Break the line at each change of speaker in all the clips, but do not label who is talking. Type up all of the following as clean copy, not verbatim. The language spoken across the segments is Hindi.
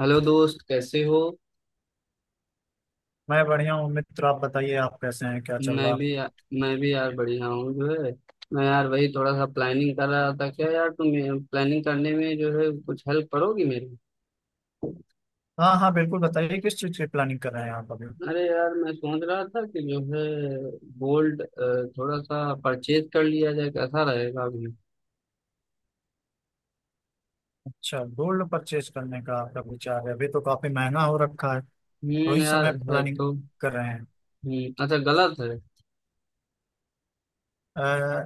हेलो दोस्त, कैसे हो?
मैं बढ़िया हूँ मित्र। आप बताइए, आप कैसे हैं? क्या चल
मैं
रहा है?
भी या, मैं भी यार बढ़िया हूँ जो है। मैं यार वही थोड़ा सा प्लानिंग कर रहा था। क्या यार, तुम प्लानिंग करने में जो है कुछ हेल्प करोगी मेरी?
हाँ हाँ, बिल्कुल बताइए किस चीज़ की प्लानिंग कर रहे हैं आप अभी?
अरे यार, मैं सोच रहा था कि जो है गोल्ड थोड़ा सा परचेज कर लिया जाए। कैसा रहेगा अभी?
अच्छा, गोल्ड परचेज करने का आपका विचार है? अभी तो काफी महंगा हो रखा है, तो
हम्म,
इस
यार
समय
है
प्लानिंग
तो।
कर रहे हैं?
हम्म, अच्छा गलत है?
अ,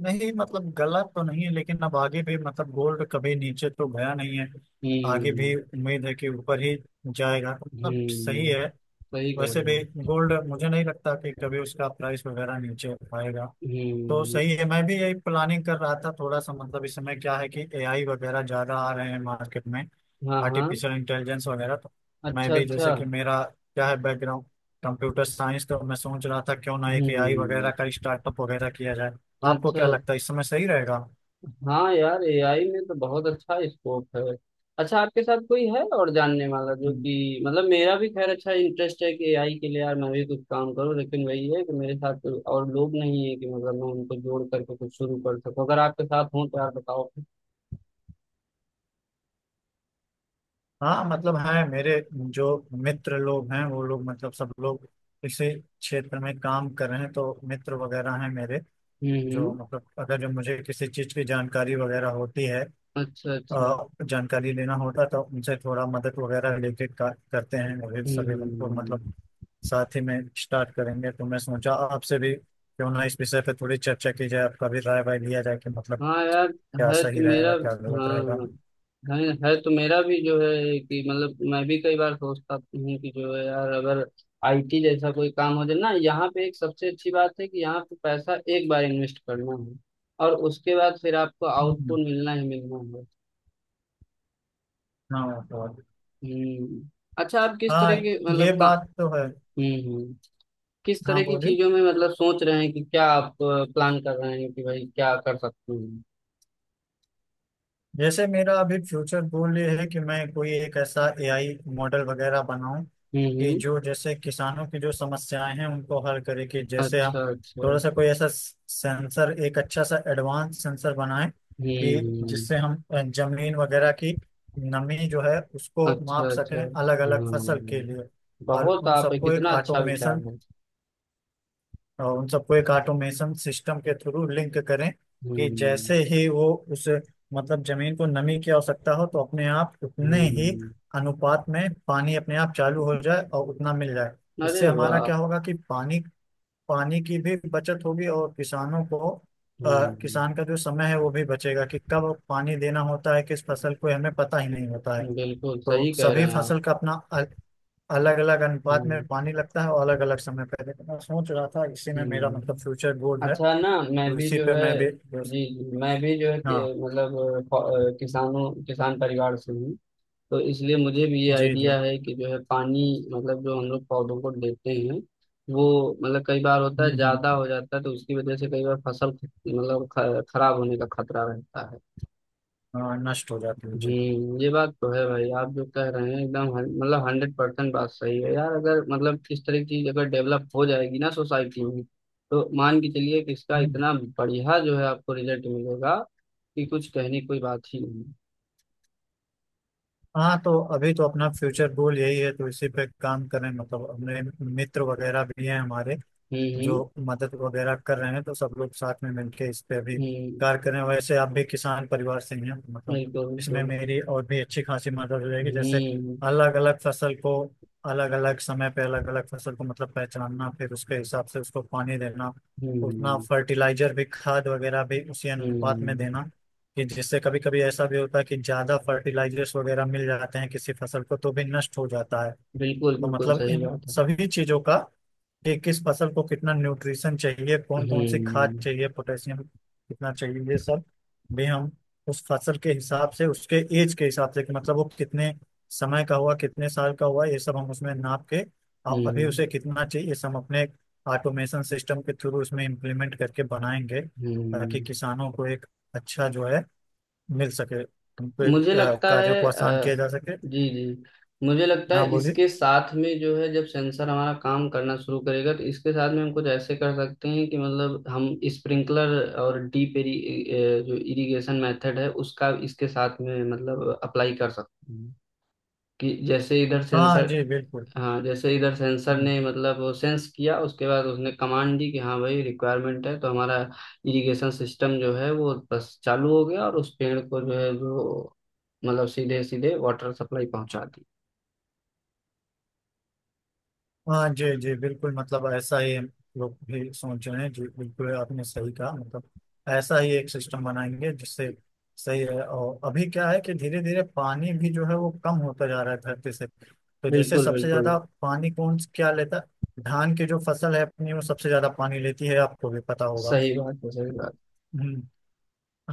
नहीं, मतलब गलत तो नहीं है, लेकिन अब आगे भी मतलब गोल्ड कभी नीचे तो गया नहीं है। आगे भी
हम्म
उम्मीद है कि ऊपर ही जाएगा, मतलब सही
हम्म,
है।
सही कह
वैसे
रहे
भी
हैं।
गोल्ड मुझे नहीं लगता कि कभी उसका प्राइस वगैरह नीचे आएगा। तो
हम्म।
सही है, मैं भी यही प्लानिंग कर रहा था थोड़ा सा। मतलब इस समय क्या है कि एआई वगैरह ज़्यादा आ रहे हैं मार्केट में,
हाँ हाँ,
आर्टिफिशियल इंटेलिजेंस वगैरह। तो मैं
अच्छा
भी,
अच्छा।
जैसे कि मेरा क्या है बैकग्राउंड, कंप्यूटर साइंस, तो मैं सोच रहा था क्यों ना एक एआई वगैरह
हम्म,
का स्टार्टअप वगैरह किया जाए। आपको
अच्छा।
क्या लगता है इस समय सही रहेगा?
हाँ यार, एआई में तो बहुत अच्छा स्कोप है। अच्छा, आपके साथ कोई है और जानने वाला? जो
हम्म।
कि मतलब मेरा भी, खैर, अच्छा इंटरेस्ट है कि एआई के लिए। यार मैं भी कुछ काम करूँ, लेकिन वही है कि मेरे साथ कोई और लोग नहीं है कि मतलब मैं उनको जोड़ करके कुछ शुरू कर सकूँ। अगर आपके साथ हो तो यार बताओ।
हाँ, मतलब है, मेरे जो मित्र लोग हैं वो लोग, मतलब सब लोग इसी क्षेत्र में काम कर रहे हैं, तो मित्र वगैरह हैं मेरे
हम्म
जो,
हम्म,
मतलब अगर जो मुझे किसी चीज की जानकारी वगैरह होती है,
अच्छा अच्छा।
अ, जानकारी लेना होता तो उनसे थोड़ा मदद वगैरह लेके करते हैं। और ये सभी को मतलब
हम्म।
साथ ही में स्टार्ट करेंगे, तो मैं सोचा आपसे भी क्यों ना इस विषय पे थोड़ी चर्चा की जाए, आपका भी राय वाय लिया जाए कि मतलब
हाँ यार,
क्या
है तो
सही
मेरा।
रहेगा क्या गलत रहेगा।
हाँ हाँ। है है तो मेरा भी जो है कि मतलब मैं भी कई बार सोचता हूँ कि जो है यार, अगर आईटी जैसा कोई काम हो जाए ना, यहाँ पे एक सबसे अच्छी बात है कि यहाँ पे पैसा एक बार इन्वेस्ट करना है और उसके बाद फिर आपको
हम्म,
आउटपुट मिलना ही मिलना है।
हाँ
हम्म, अच्छा, आप किस
हाँ,
तरह के
ये
मतलब का।
बात तो है।
हम्म, किस
हाँ
तरह की
बोलिए।
चीजों में मतलब सोच रहे हैं कि क्या आप प्लान कर रहे हैं कि भाई क्या कर सकते हैं?
जैसे मेरा अभी फ्यूचर गोल ये है कि मैं कोई एक ऐसा एआई मॉडल वगैरह बनाऊं कि
हम्म,
जो जैसे किसानों की जो समस्याएं हैं उनको हल करे, कि जैसे हम
अच्छा अच्छा।
थोड़ा सा कोई ऐसा सेंसर, एक अच्छा सा एडवांस सेंसर बनाएं कि
हम्म,
जिससे हम जमीन वगैरह की नमी जो है उसको
अच्छा
माप सकें
अच्छा।
अलग अलग फसल के
हम्म,
लिए। और
बहुत,
उन
आप
सबको एक
कितना अच्छा विचार
ऑटोमेशन
है।
और उन सबको एक ऑटोमेशन सिस्टम के थ्रू लिंक करें, कि
हम्म
जैसे ही वो उस, मतलब जमीन को नमी की आवश्यकता हो तो अपने आप उतने ही
हम्म,
अनुपात में पानी अपने आप चालू हो जाए और उतना मिल जाए। इससे
अरे
हमारा
वाह।
क्या होगा कि पानी पानी की भी बचत होगी और किसानों को,
हम्म,
किसान का जो समय है वो भी बचेगा, कि कब पानी देना होता है किस फसल को, हमें पता ही नहीं होता है।
बिल्कुल
तो
सही कह रहे
सभी
हैं आप।
फसल का अपना अलग अलग अनुपात
हम्म
में पानी लगता है और अलग अलग समय पे, लेकिन मैं सोच रहा था इसी में मेरा मतलब
हम्म,
फ्यूचर गोल है,
अच्छा ना। मैं
तो
भी
इसी
जो
पे
है,
मैं भी बस-
जी जी, मैं भी जो है कि,
हाँ
मतलब किसान परिवार से हूँ। तो इसलिए मुझे भी ये
जी जी।
आइडिया है कि जो है पानी, मतलब जो हम लोग पौधों को देते हैं वो, मतलब कई बार होता है ज्यादा
हम्म,
हो जाता है, तो उसकी वजह से कई बार फसल मतलब खराब होने का खतरा रहता है।
हाँ नष्ट हो जाती है जी।
हम्म, ये बात तो है भाई। आप जो कह रहे हैं एकदम मतलब 100% बात सही है यार। अगर मतलब इस तरह की चीज अगर डेवलप हो जाएगी ना सोसाइटी में, तो मान के चलिए कि इसका
हम्म।
इतना बढ़िया जो है आपको रिजल्ट मिलेगा कि कुछ कहने की कोई बात ही नहीं।
हाँ तो अभी तो अपना फ्यूचर गोल यही है, तो इसी पे काम करें। मतलब अपने मित्र वगैरह भी हैं हमारे जो
हम्म,
मदद वगैरह कर रहे हैं, तो सब लोग साथ में मिलके इस पे अभी
हम्म,
कार्य कर रहे हैं। वैसे आप भी किसान परिवार से ही हैं, मतलब
बिल्कुल
इसमें
बिल्कुल।
मेरी और भी अच्छी खासी मदद हो जाएगी। जैसे
हम्म
अलग अलग फसल को अलग अलग समय पे अलग अलग फसल को मतलब पहचानना, फिर उसके हिसाब से उसको पानी देना, उतना
हम्म,
फर्टिलाइजर भी, खाद वगैरह भी उसी अनुपात में
हम्म,
देना। कि जिससे कभी कभी ऐसा भी होता है कि ज्यादा फर्टिलाइजर्स वगैरह मिल जाते हैं किसी फसल को, तो भी नष्ट हो जाता है।
बिल्कुल
तो
बिल्कुल
मतलब
सही
इन
बात है।
सभी चीजों का, कि किस फसल को कितना न्यूट्रिशन चाहिए, कौन कौन सी खाद
हम्म
चाहिए, पोटेशियम कितना चाहिए, ये सब भी हम उस फसल के हिसाब से, उसके एज के हिसाब से, कि मतलब वो कितने समय का हुआ, कितने साल का हुआ, ये सब हम उसमें नाप के और अभी
हम्म,
उसे कितना चाहिए, ये सब हम अपने ऑटोमेशन सिस्टम के थ्रू उसमें इम्प्लीमेंट करके बनाएंगे, ताकि
हम्म,
किसानों को एक अच्छा जो है मिल सके, उनके
मुझे लगता
कार्यों
है,
को आसान किया जा सके।
जी जी, मुझे लगता है
हाँ बोलिए।
इसके साथ में जो है जब सेंसर हमारा काम करना शुरू करेगा तो इसके साथ में हम कुछ ऐसे कर सकते हैं कि मतलब हम स्प्रिंकलर और डीप एरी, जो इरिगेशन मेथड है उसका इसके साथ में मतलब अप्लाई कर सकते हैं। कि जैसे इधर
हाँ
सेंसर,
जी बिल्कुल।
हाँ, जैसे इधर सेंसर ने मतलब वो सेंस किया, उसके बाद उसने कमांड दी कि हाँ भाई, रिक्वायरमेंट है तो हमारा इरिगेशन सिस्टम जो है वो बस चालू हो गया और उस पेड़ को जो है जो मतलब सीधे सीधे वाटर सप्लाई पहुंचा दी।
हाँ जी जी बिल्कुल, मतलब ऐसा ही हम लोग भी सोच रहे हैं जी। बिल्कुल आपने सही कहा, मतलब ऐसा ही एक सिस्टम बनाएंगे जिससे सही है। और अभी क्या है कि धीरे धीरे पानी भी जो है वो कम होता जा रहा है धरती से। तो जैसे
बिल्कुल
सबसे
बिल्कुल
ज्यादा पानी कौन क्या लेता है, धान की जो फसल है अपनी वो सबसे ज्यादा पानी लेती है, आपको भी पता होगा।
सही बात है, सही बात।
हम्म।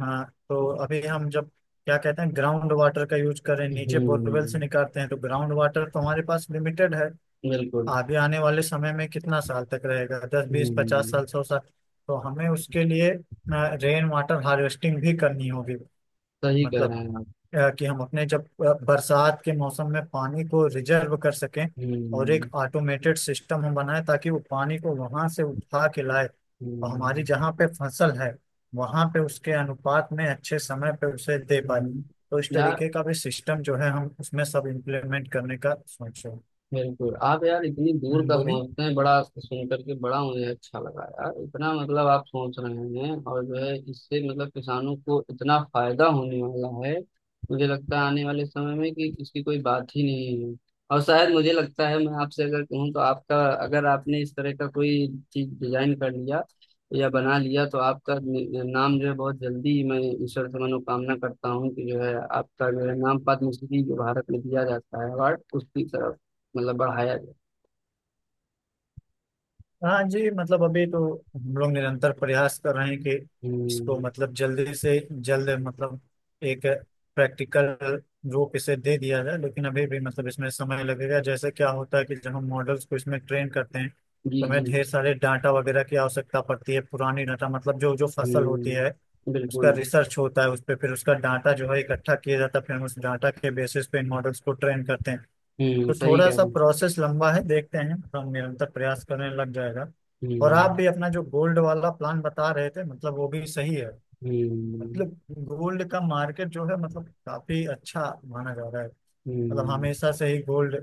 हाँ तो अभी हम जब क्या कहते हैं, ग्राउंड वाटर का यूज करें, नीचे बोरवेल से
हम्म,
निकालते हैं तो ग्राउंड वाटर तो हमारे पास लिमिटेड है।
बिल्कुल।
आगे आने वाले समय में कितना साल तक रहेगा, दस बीस पचास
हम्म,
साल सौ साल तो हमें उसके लिए रेन वाटर हार्वेस्टिंग भी करनी होगी।
सही कह रहे
मतलब
हैं आप।
कि हम अपने, जब बरसात के मौसम में पानी को रिजर्व कर सकें और एक
हम्म
ऑटोमेटेड सिस्टम हम बनाए, ताकि वो पानी को वहां से उठा के लाए और हमारी
हम्म,
जहाँ पे फसल है वहां पे उसके अनुपात में अच्छे समय पे उसे दे पाए।
हम्म।
तो इस
यार
तरीके का भी सिस्टम जो है हम उसमें सब इम्प्लीमेंट करने का सोच रहे हैं।
बिल्कुल, आप यार इतनी दूर का
बोलिए।
सोचते हैं, बड़ा सुन करके बड़ा मुझे अच्छा लगा यार। इतना मतलब आप सोच रहे हैं और जो है इससे मतलब किसानों को इतना फायदा होने वाला है। मुझे लगता है आने वाले समय में कि इसकी कोई बात ही नहीं है। और शायद मुझे लगता है, मैं आपसे अगर कहूँ तो आपका, अगर आपने इस तरह का कोई चीज डिजाइन कर लिया या बना लिया तो आपका नाम जो है बहुत जल्दी, मैं ईश्वर से मनोकामना करता हूँ कि जो है आपका जो है नाम पद्मश्री, जो भारत में दिया जाता है अवार्ड, उसकी तरफ मतलब बढ़ाया जाए।
हाँ जी, मतलब अभी तो हम लोग निरंतर प्रयास कर रहे हैं कि इसको
हम्म,
मतलब जल्दी से जल्द मतलब एक प्रैक्टिकल रूप इसे दे दिया जाए। लेकिन अभी भी मतलब इसमें समय लगेगा, जैसे क्या होता है कि जब हम मॉडल्स को इसमें ट्रेन करते हैं
जी
तो हमें
जी।
ढेर सारे डाटा वगैरह की आवश्यकता पड़ती है, पुरानी डाटा, मतलब जो जो फसल होती है
हम्म,
उसका
बिल्कुल।
रिसर्च होता है उस पर, फिर उसका डाटा जो है इकट्ठा किया जाता है, फिर हम उस डाटा के बेसिस पे इन मॉडल्स को ट्रेन करते हैं।
हम्म,
तो
सही
थोड़ा
कह
सा
रहे हैं।
प्रोसेस लंबा है, देखते हैं, हम निरंतर प्रयास करने लग जाएगा। और आप
हम्म
भी अपना जो गोल्ड वाला प्लान बता रहे थे, मतलब वो भी सही है।
हम्म,
मतलब गोल्ड का मार्केट जो है मतलब काफी अच्छा माना जा रहा है, मतलब
हम्म।
हमेशा से ही गोल्ड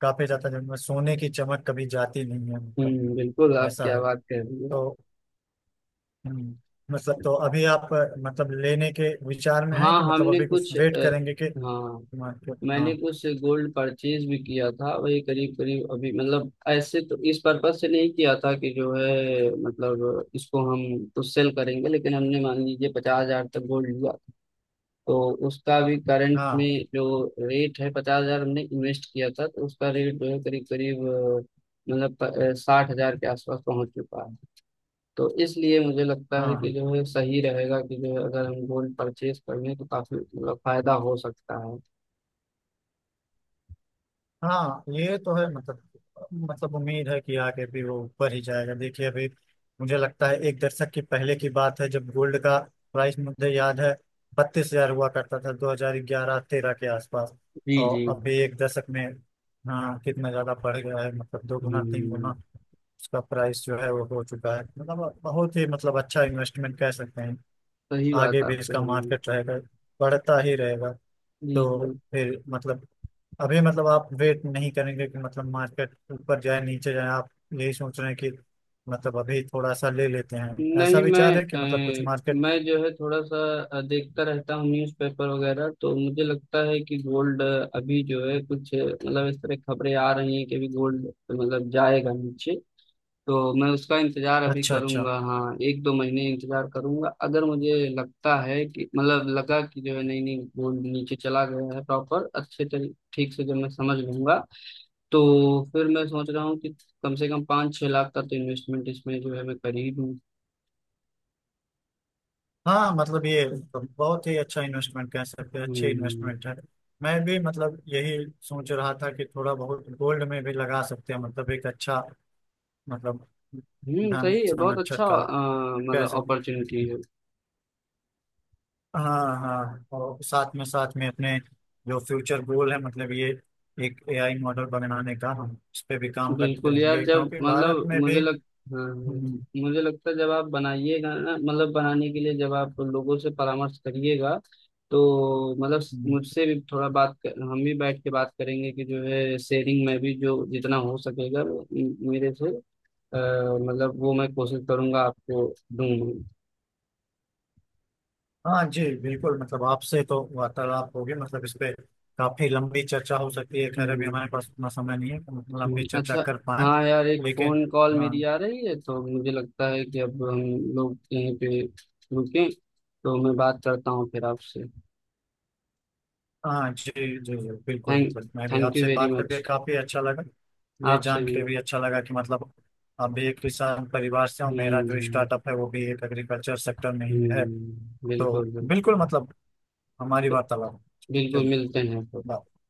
काफी जाता है, मतलब सोने की चमक कभी जाती नहीं है, मतलब
बिल्कुल, आप
ऐसा
क्या
है।
बात कह रही हैं आप।
तो हम्म, मतलब तो अभी आप मतलब लेने के विचार में
हाँ,
हैं कि मतलब
हमने
अभी कुछ
कुछ,
वेट करेंगे कि
हाँ,
मार्केट? हाँ
मैंने कुछ गोल्ड परचेज भी किया था वही। करीब करीब अभी, मतलब ऐसे तो इस पर्पज से नहीं किया था कि जो है मतलब इसको हम तो सेल करेंगे, लेकिन हमने मान लीजिए 50,000 तक गोल्ड लिया। तो उसका भी करंट
हाँ
में जो रेट है, 50,000 हमने इन्वेस्ट किया था तो उसका रेट जो है करीब करीब, मतलब 60,000 के आसपास पहुंच चुका है। तो इसलिए मुझे लगता
हाँ
है कि
हाँ।
जो है सही रहेगा, कि जो है अगर हम गोल्ड परचेज कर लें तो काफी मतलब फायदा हो सकता है।
हाँ, ये तो है मतलब, मतलब उम्मीद है कि आगे भी वो ऊपर ही जाएगा। देखिए अभी मुझे लगता है एक दशक की पहले की बात है, जब गोल्ड का प्राइस, मुझे याद है, 32,000 हुआ करता था 2011 13 के आसपास।
जी
और
जी।
अभी एक दशक में, हाँ, कितना ज्यादा बढ़ गया है, मतलब दो गुना तीन
हम्म,
गुना उसका प्राइस जो है वो हो चुका है, मतलब बहुत ही मतलब अच्छा इन्वेस्टमेंट कह सकते हैं।
सही बात
आगे भी
आप कह
इसका
रहे हैं।
मार्केट रहेगा, बढ़ता ही रहेगा। तो
जी जी।
फिर मतलब अभी मतलब आप वेट नहीं करेंगे कि मतलब मार्केट ऊपर जाए नीचे जाए, आप यही सोच रहे हैं कि मतलब अभी थोड़ा सा ले लेते हैं, ऐसा
नहीं,
विचार है कि मतलब कुछ
अ,
मार्केट?
मैं जो है थोड़ा सा देखता रहता हूँ न्यूज़पेपर वगैरह। तो मुझे लगता है कि गोल्ड अभी जो है कुछ, मतलब इस तरह खबरें आ रही हैं कि अभी गोल्ड मतलब जाएगा नीचे। तो मैं उसका इंतजार अभी
अच्छा अच्छा।
करूंगा। हाँ, 1 2 महीने इंतजार करूंगा। अगर मुझे लगता है कि मतलब लगा कि जो है नहीं नहीं, गोल्ड नीचे चला गया है प्रॉपर, अच्छे तरी ठीक से जब मैं समझ लूंगा, तो फिर मैं सोच रहा हूँ कि कम से कम 5 6 लाख का तो इन्वेस्टमेंट इसमें जो है मैं कर ही दूँ।
हाँ मतलब ये तो बहुत ही अच्छा इन्वेस्टमेंट कह सकते हैं, अच्छे
हम्म
इन्वेस्टमेंट है। मैं भी मतलब यही सोच रहा था कि थोड़ा बहुत गोल्ड में भी लगा सकते हैं, मतलब एक अच्छा मतलब
हम्म,
धन
सही है, बहुत
संरक्षक
अच्छा,
का कह
मतलब
सकते हैं।
अपॉर्चुनिटी है।
हाँ हाँ, और साथ में अपने जो फ्यूचर गोल है मतलब ये एक एआई मॉडल बनाने का, हम इस पे भी काम करते
बिल्कुल यार,
रहेंगे
जब
क्योंकि भारत
मतलब
में
मुझे
भी
लग, हाँ,
हम्म,
मुझे लगता है जब आप बनाइएगा ना, मतलब बनाने के लिए जब आप लोगों से परामर्श करिएगा, तो मतलब
हम्म,
मुझसे भी थोड़ा बात कर, हम भी बैठ के बात करेंगे कि जो है शेयरिंग में भी जो जितना हो सकेगा, वो मेरे से, अ, मतलब वो मैं कोशिश करूंगा आपको दूंगा।
हाँ जी बिल्कुल, मतलब आपसे तो वार्तालाप होगी, मतलब इस पे काफी लंबी चर्चा हो सकती है। खैर अभी हमारे पास उतना समय नहीं है कि मतलब लंबी चर्चा
अच्छा।
कर पाए,
हाँ यार, एक
लेकिन
फोन कॉल
हाँ
मेरी आ रही है, तो मुझे लगता है कि अब हम लोग यहीं पे रुकें। तो मैं बात करता हूँ फिर आपसे।
हाँ जी जी, जी बिल्कुल,
थैंक
मतलब मैं भी
थैंक यू
आपसे
वेरी
बात करके
मच।
काफी अच्छा लगा। ये
आपसे
जान
भी।
के भी अच्छा लगा कि मतलब आप भी एक किसान परिवार से हो, मेरा जो
हम्म,
स्टार्टअप है वो भी एक एग्रीकल्चर सेक्टर में ही है, तो
बिल्कुल
बिल्कुल
बिल्कुल।
मतलब हमारी वार्तालाप।
बिल्कुल
चलिए,
मिलते हैं।
बाय।